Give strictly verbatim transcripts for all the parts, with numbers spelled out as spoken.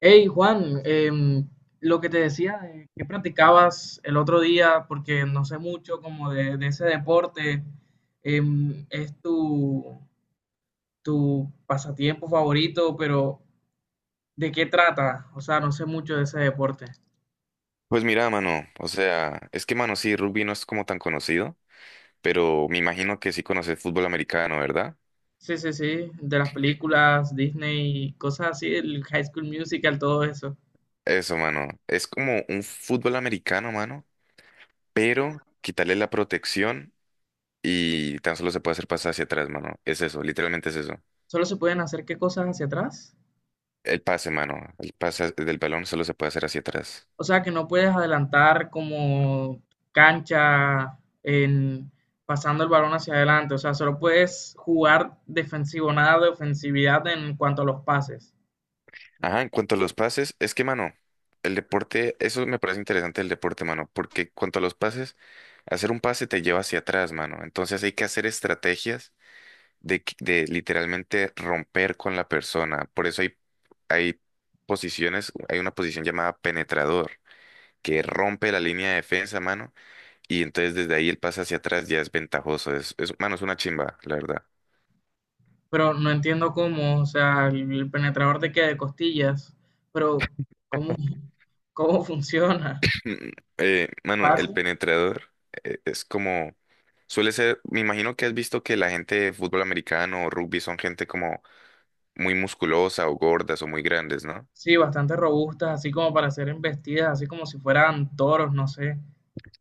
Hey Juan, em, lo que te decía, eh, ¿qué practicabas el otro día? Porque no sé mucho como de, de ese deporte. Em, ¿es tu, tu pasatiempo favorito? Pero ¿de qué trata? O sea, no sé mucho de ese deporte. Pues mira, mano, o sea, es que, mano, sí, rugby no es como tan conocido, pero me imagino que sí conoces fútbol americano, ¿verdad? Sí, sí, sí, de las películas, Disney, cosas así, el High School Musical, todo eso. Eso, mano, es como un fútbol americano, mano, pero quitarle la protección y tan solo se puede hacer pasar hacia atrás, mano. Es eso, literalmente es eso. ¿Solo se pueden hacer qué cosas hacia atrás? El pase, mano, el pase del balón solo se puede hacer hacia atrás. O sea que no puedes adelantar como cancha en pasando el balón hacia adelante. O sea, solo puedes jugar defensivo, nada de ofensividad en cuanto a los pases. Ajá, en cuanto a los pases, es que, mano, el deporte, eso me parece interesante el deporte, mano, porque en cuanto a los pases, hacer un pase te lleva hacia atrás, mano. Entonces hay que hacer estrategias de, que- de literalmente romper con la persona. Por eso hay, hay posiciones, hay una posición llamada penetrador, que rompe la línea de defensa, mano, y entonces desde ahí el pase hacia atrás ya es ventajoso. Es, es- mano, es una chimba, la verdad. Pero no entiendo cómo, o sea, el el penetrador te queda de costillas, pero cómo, cómo funciona. Mm, Eh, mano, el Pases, penetrador eh, es como, suele ser, me imagino que has visto que la gente de fútbol americano o rugby son gente como muy musculosa o gordas o muy grandes, ¿no? sí, bastante robustas, así como para ser embestidas, así como si fueran toros, no sé.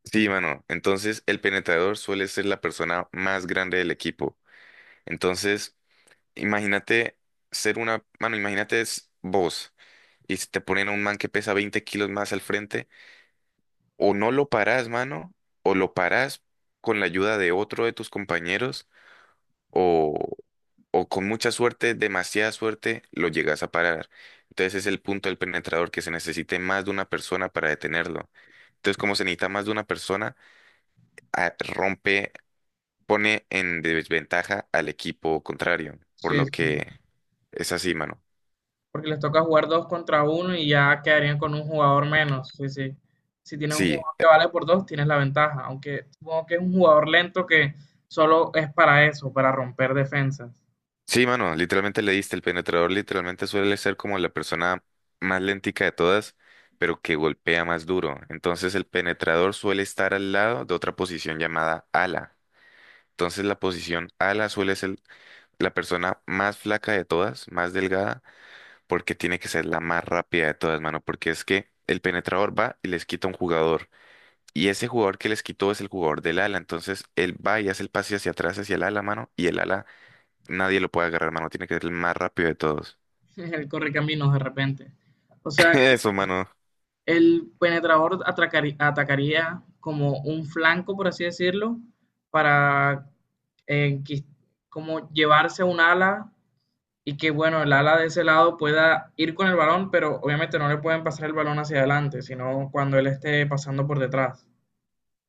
Sí, mano. Entonces, el penetrador suele ser la persona más grande del equipo. Entonces, imagínate ser una, mano, imagínate es vos y si te ponen a un man que pesa veinte kilos más al frente, o no lo parás, mano, o lo parás con la ayuda de otro de tus compañeros, o, o con mucha suerte, demasiada suerte, lo llegas a parar. Entonces es el punto del penetrador que se necesite más de una persona para detenerlo. Entonces, como se necesita más de una persona, a- rompe, pone en desventaja al equipo contrario, por Sí, lo sí. que es así, mano. Porque les toca jugar dos contra uno y ya quedarían con un jugador menos. Sí, sí. Si tienes un Sí, jugador que vale por dos, tienes la ventaja. Aunque supongo que es un jugador lento que solo es para eso, para romper defensas. sí, mano, literalmente le diste. El penetrador literalmente suele ser como la persona más lentica de todas, pero que golpea más duro. Entonces el penetrador suele estar al lado de otra posición llamada ala. Entonces la posición ala suele ser la persona más flaca de todas, más delgada, porque tiene que ser la más rápida de todas, mano, porque es que el penetrador va y les quita un jugador. Y ese jugador que les quitó es el jugador del ala. Entonces él va y hace el pase hacia atrás, hacia el ala, mano, y el ala nadie lo puede agarrar, mano. Tiene que ser el más rápido de todos. Él corre caminos de repente. O sea que Eso, mano. el penetrador atracari- atacaría como un flanco, por así decirlo, para eh, quis- como llevarse un ala y que bueno, el ala de ese lado pueda ir con el balón, pero obviamente no le pueden pasar el balón hacia adelante, sino cuando él esté pasando por detrás.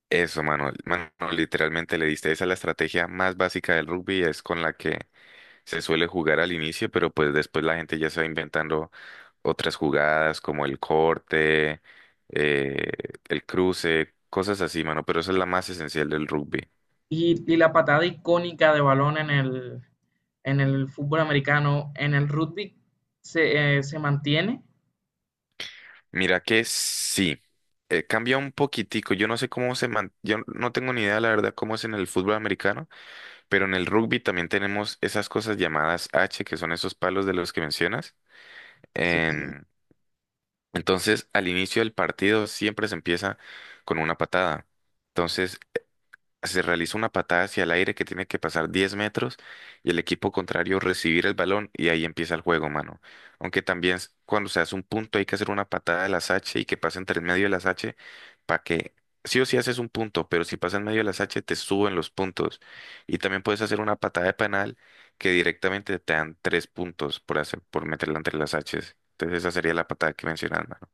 Eso, mano. Mano, literalmente le diste. Esa es la estrategia más básica del rugby. Es con la que se suele jugar al inicio, pero pues después la gente ya está inventando otras jugadas como el corte, eh, el cruce, cosas así, mano. Pero esa es la más esencial del rugby. Y, y la patada icónica de balón en el, en el fútbol americano, en el rugby, se, eh, se mantiene. Mira que sí. Eh, cambia un poquitico. Yo no sé cómo se man... Yo no tengo ni idea, la verdad, cómo es en el fútbol americano. Pero en el rugby también tenemos esas cosas llamadas H, que son esos palos de los que mencionas. Sí. Em, entonces, al inicio del partido siempre se empieza con una patada. Entonces, se realiza una patada hacia el aire que tiene que pasar diez metros y el equipo contrario recibir el balón y ahí empieza el juego, mano. Aunque también s- cuando se hace un punto hay que hacer una patada de las H y que pase entre el medio de las H para que sí o sí haces un punto, pero si pasa en medio de las H te suben los puntos. Y también puedes hacer una patada de penal que directamente te dan tres puntos por hacer, por meterla entre las H. Entonces esa sería la patada que mencionas, mano.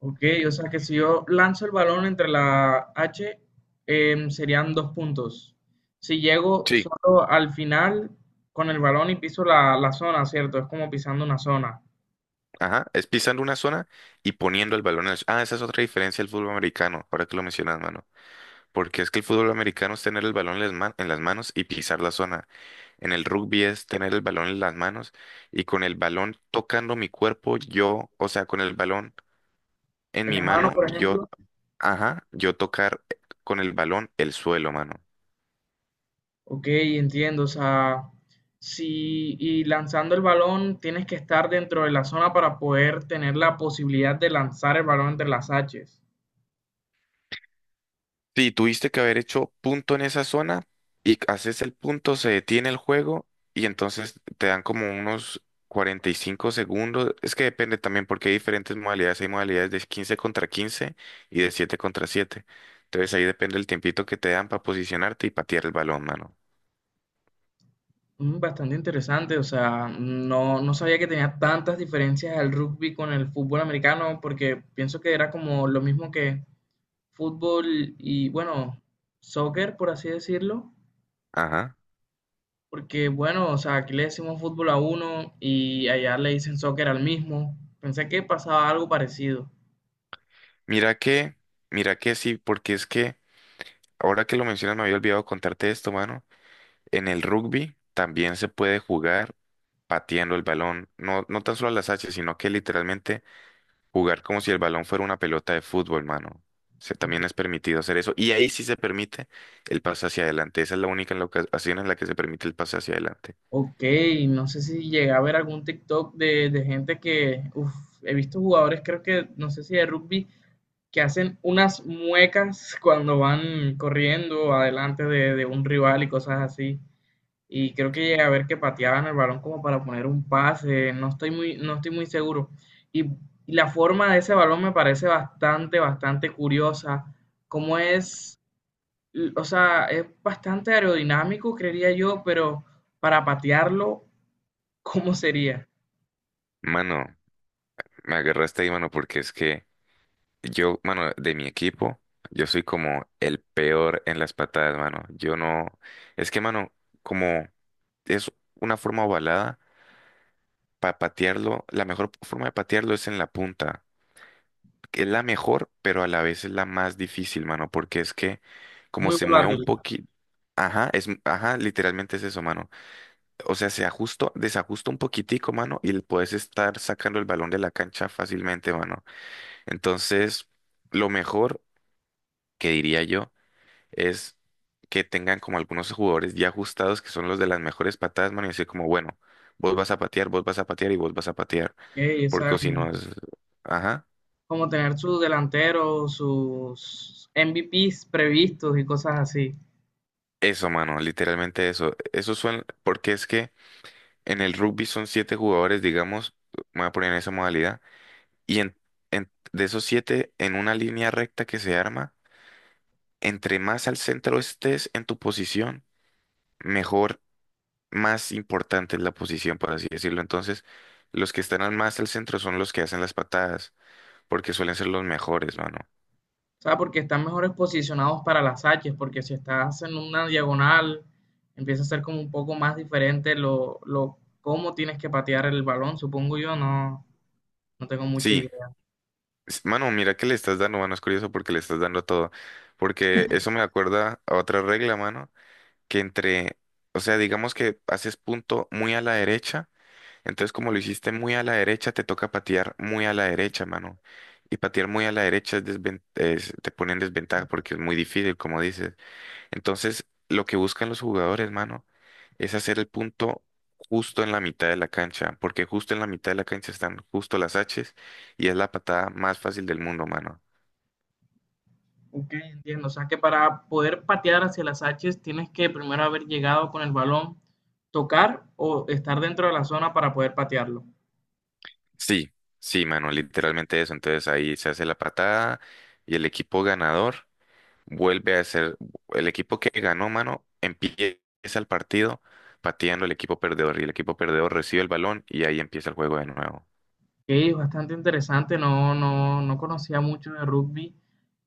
Ok, o sea que si yo lanzo el balón entre la H, eh, serían dos puntos. Si llego Sí. solo al final con el balón y piso la, la zona, ¿cierto? Es como pisando una zona. Ajá, es pisando una zona y poniendo el balón en el... Ah, esa es otra diferencia del fútbol americano, ahora que lo mencionas, mano. Porque es que el fútbol americano es tener el balón en las ma- en las manos y pisar la zona. En el rugby es tener el balón en las manos y con el balón tocando mi cuerpo, yo, o sea, con el balón en En mi la mano, mano, por yo, ejemplo, ajá, yo tocar eh, con el balón el suelo, mano. Ok, entiendo. O sea, si y lanzando el balón tienes que estar dentro de la zona para poder tener la posibilidad de lanzar el balón entre las haches. Sí, tuviste que haber hecho punto en esa zona y haces el punto, se detiene el juego y entonces te dan como unos cuarenta y cinco segundos. Es que depende también porque hay diferentes modalidades. Hay modalidades de quince contra quince y de siete contra siete. Entonces ahí depende el tiempito que te dan para posicionarte y patear el balón, mano. Mm, bastante interesante, o sea, no, no sabía que tenía tantas diferencias el rugby con el fútbol americano, porque pienso que era como lo mismo que fútbol y, bueno, soccer, por así decirlo, Ajá. porque, bueno, o sea, aquí le decimos fútbol a uno y allá le dicen soccer al mismo. Pensé que pasaba algo parecido. Mira que, mira que sí, porque es que ahora que lo mencionas me había olvidado contarte esto, mano. En el rugby también se puede jugar pateando el balón, no, no tan solo a las hachas, sino que literalmente jugar como si el balón fuera una pelota de fútbol, mano. Se, también es Ok. permitido hacer eso. Y ahí sí se permite el pase hacia adelante. Esa es la única en la ocasión en la que se permite el pase hacia adelante. Ok, no sé si llegué a ver algún TikTok de, de gente que, uf, he visto jugadores, creo que, no sé si de rugby, que hacen unas muecas cuando van corriendo adelante de, de un rival y cosas así. Y creo que llegué a ver que pateaban el balón como para poner un pase, no estoy muy, no estoy muy seguro. Y, y la forma de ese balón me parece bastante, bastante curiosa. Como es, o sea, es bastante aerodinámico, creería yo, pero para patearlo ¿cómo sería? Mano, me agarraste ahí, mano, porque es que yo, mano, de mi equipo, yo soy como el peor en las patadas, mano. Yo no. Es que, mano, como es una forma ovalada, para patearlo, la mejor forma de patearlo es en la punta. Que es la mejor, pero a la vez es la más difícil, mano, porque es que como Muy se mueve un volátil. poquito, ajá, es, ajá, literalmente es eso, mano. O sea, se ajusta, desajusta un poquitico, mano, y puedes estar sacando el balón de la cancha fácilmente, mano. Entonces, lo mejor que diría yo es que tengan como algunos jugadores ya ajustados que son los de las mejores patadas, mano, y decir como, bueno, vos vas a patear, vos vas a patear y vos vas a patear, Ey, o porque o si como, no es, ajá. tener sus delanteros, sus M V Ps previstos y cosas así. Eso, mano, literalmente eso. Eso suena, porque es que en el rugby son siete jugadores, digamos, me voy a poner en esa modalidad, y en, en- de esos siete, en una línea recta que se arma, entre más al centro estés en tu posición, mejor, más importante es la posición, por así decirlo. Entonces, los que están al más al centro son los que hacen las patadas, porque suelen ser los mejores, mano. O sea, porque están mejores posicionados para las H, porque si estás en una diagonal, empieza a ser como un poco más diferente lo, lo cómo tienes que patear el balón, supongo yo, no, no tengo mucha Sí, idea. es- mano, mira que le estás dando, mano, es curioso porque le estás dando todo, porque eso me acuerda a otra regla, mano, que entre, o sea, digamos que haces punto muy a la derecha, entonces como lo hiciste muy a la derecha, te toca patear muy a la derecha, mano. Y patear muy a la derecha es desven- es- te pone en desventaja porque es muy difícil, como dices. Entonces, lo que buscan los jugadores, mano, es hacer el punto justo en la mitad de la cancha, porque justo en la mitad de la cancha están justo las H's y es la patada más fácil del mundo, mano. Ok, entiendo. O sea, que para poder patear hacia las H tienes que primero haber llegado con el balón, tocar o estar dentro de la zona para poder patearlo. Sí, sí, mano, literalmente eso. Entonces ahí se hace la patada y el equipo ganador vuelve a ser el equipo que ganó, mano, empieza el partido pateando el equipo perdedor y el equipo perdedor recibe el balón y ahí empieza el juego de nuevo. Que es bastante interesante, no, no, no conocía mucho de rugby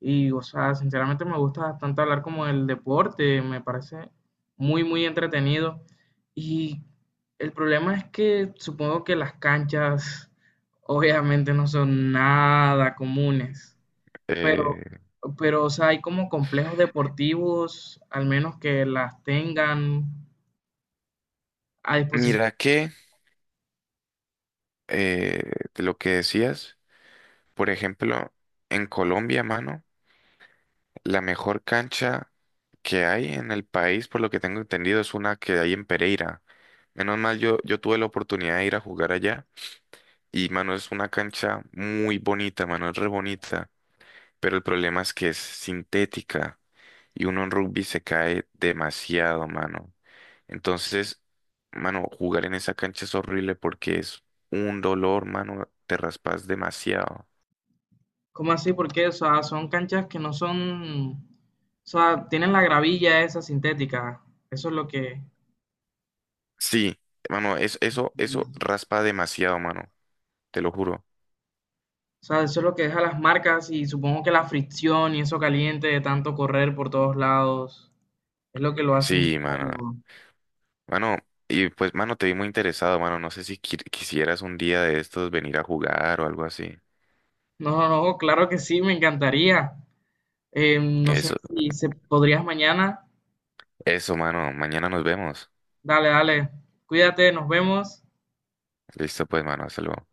y, o sea, sinceramente me gusta bastante hablar como del deporte, me parece muy, muy entretenido y el problema es que supongo que las canchas obviamente no son nada comunes, pero, Eh, pero, o sea, hay como complejos deportivos, al menos que las tengan a disposición. Mira que eh, de lo que decías, por ejemplo, en Colombia, mano, la mejor cancha que hay en el país, por lo que tengo entendido, es una que hay en Pereira. Menos mal, yo, yo tuve la oportunidad de ir a jugar allá y, mano, es una cancha muy bonita, mano, es re bonita. Pero el problema es que es sintética y uno en rugby se cae demasiado, mano. Entonces, mano, jugar en esa cancha es horrible porque es un dolor, mano, te raspas demasiado. ¿Cómo así? Porque, o sea, son canchas que no son, o sea, tienen la gravilla esa sintética. Eso es lo que, Sí, mano, es, eso, eso o raspa demasiado, mano, te lo juro. sea, eso es lo que deja las marcas y supongo que la fricción y eso caliente de tanto correr por todos lados es lo que lo hace Sí, mano. incómodo. Mano, y pues, mano, te vi muy interesado, mano. No sé si qui- quisieras un día de estos venir a jugar o algo así. No, no, no, claro que sí, me encantaría. Eh, no sé Eso, si se podrías mañana. eso, mano. Mañana nos vemos. Dale, dale. Cuídate, nos vemos. Listo, pues, mano. Hasta luego.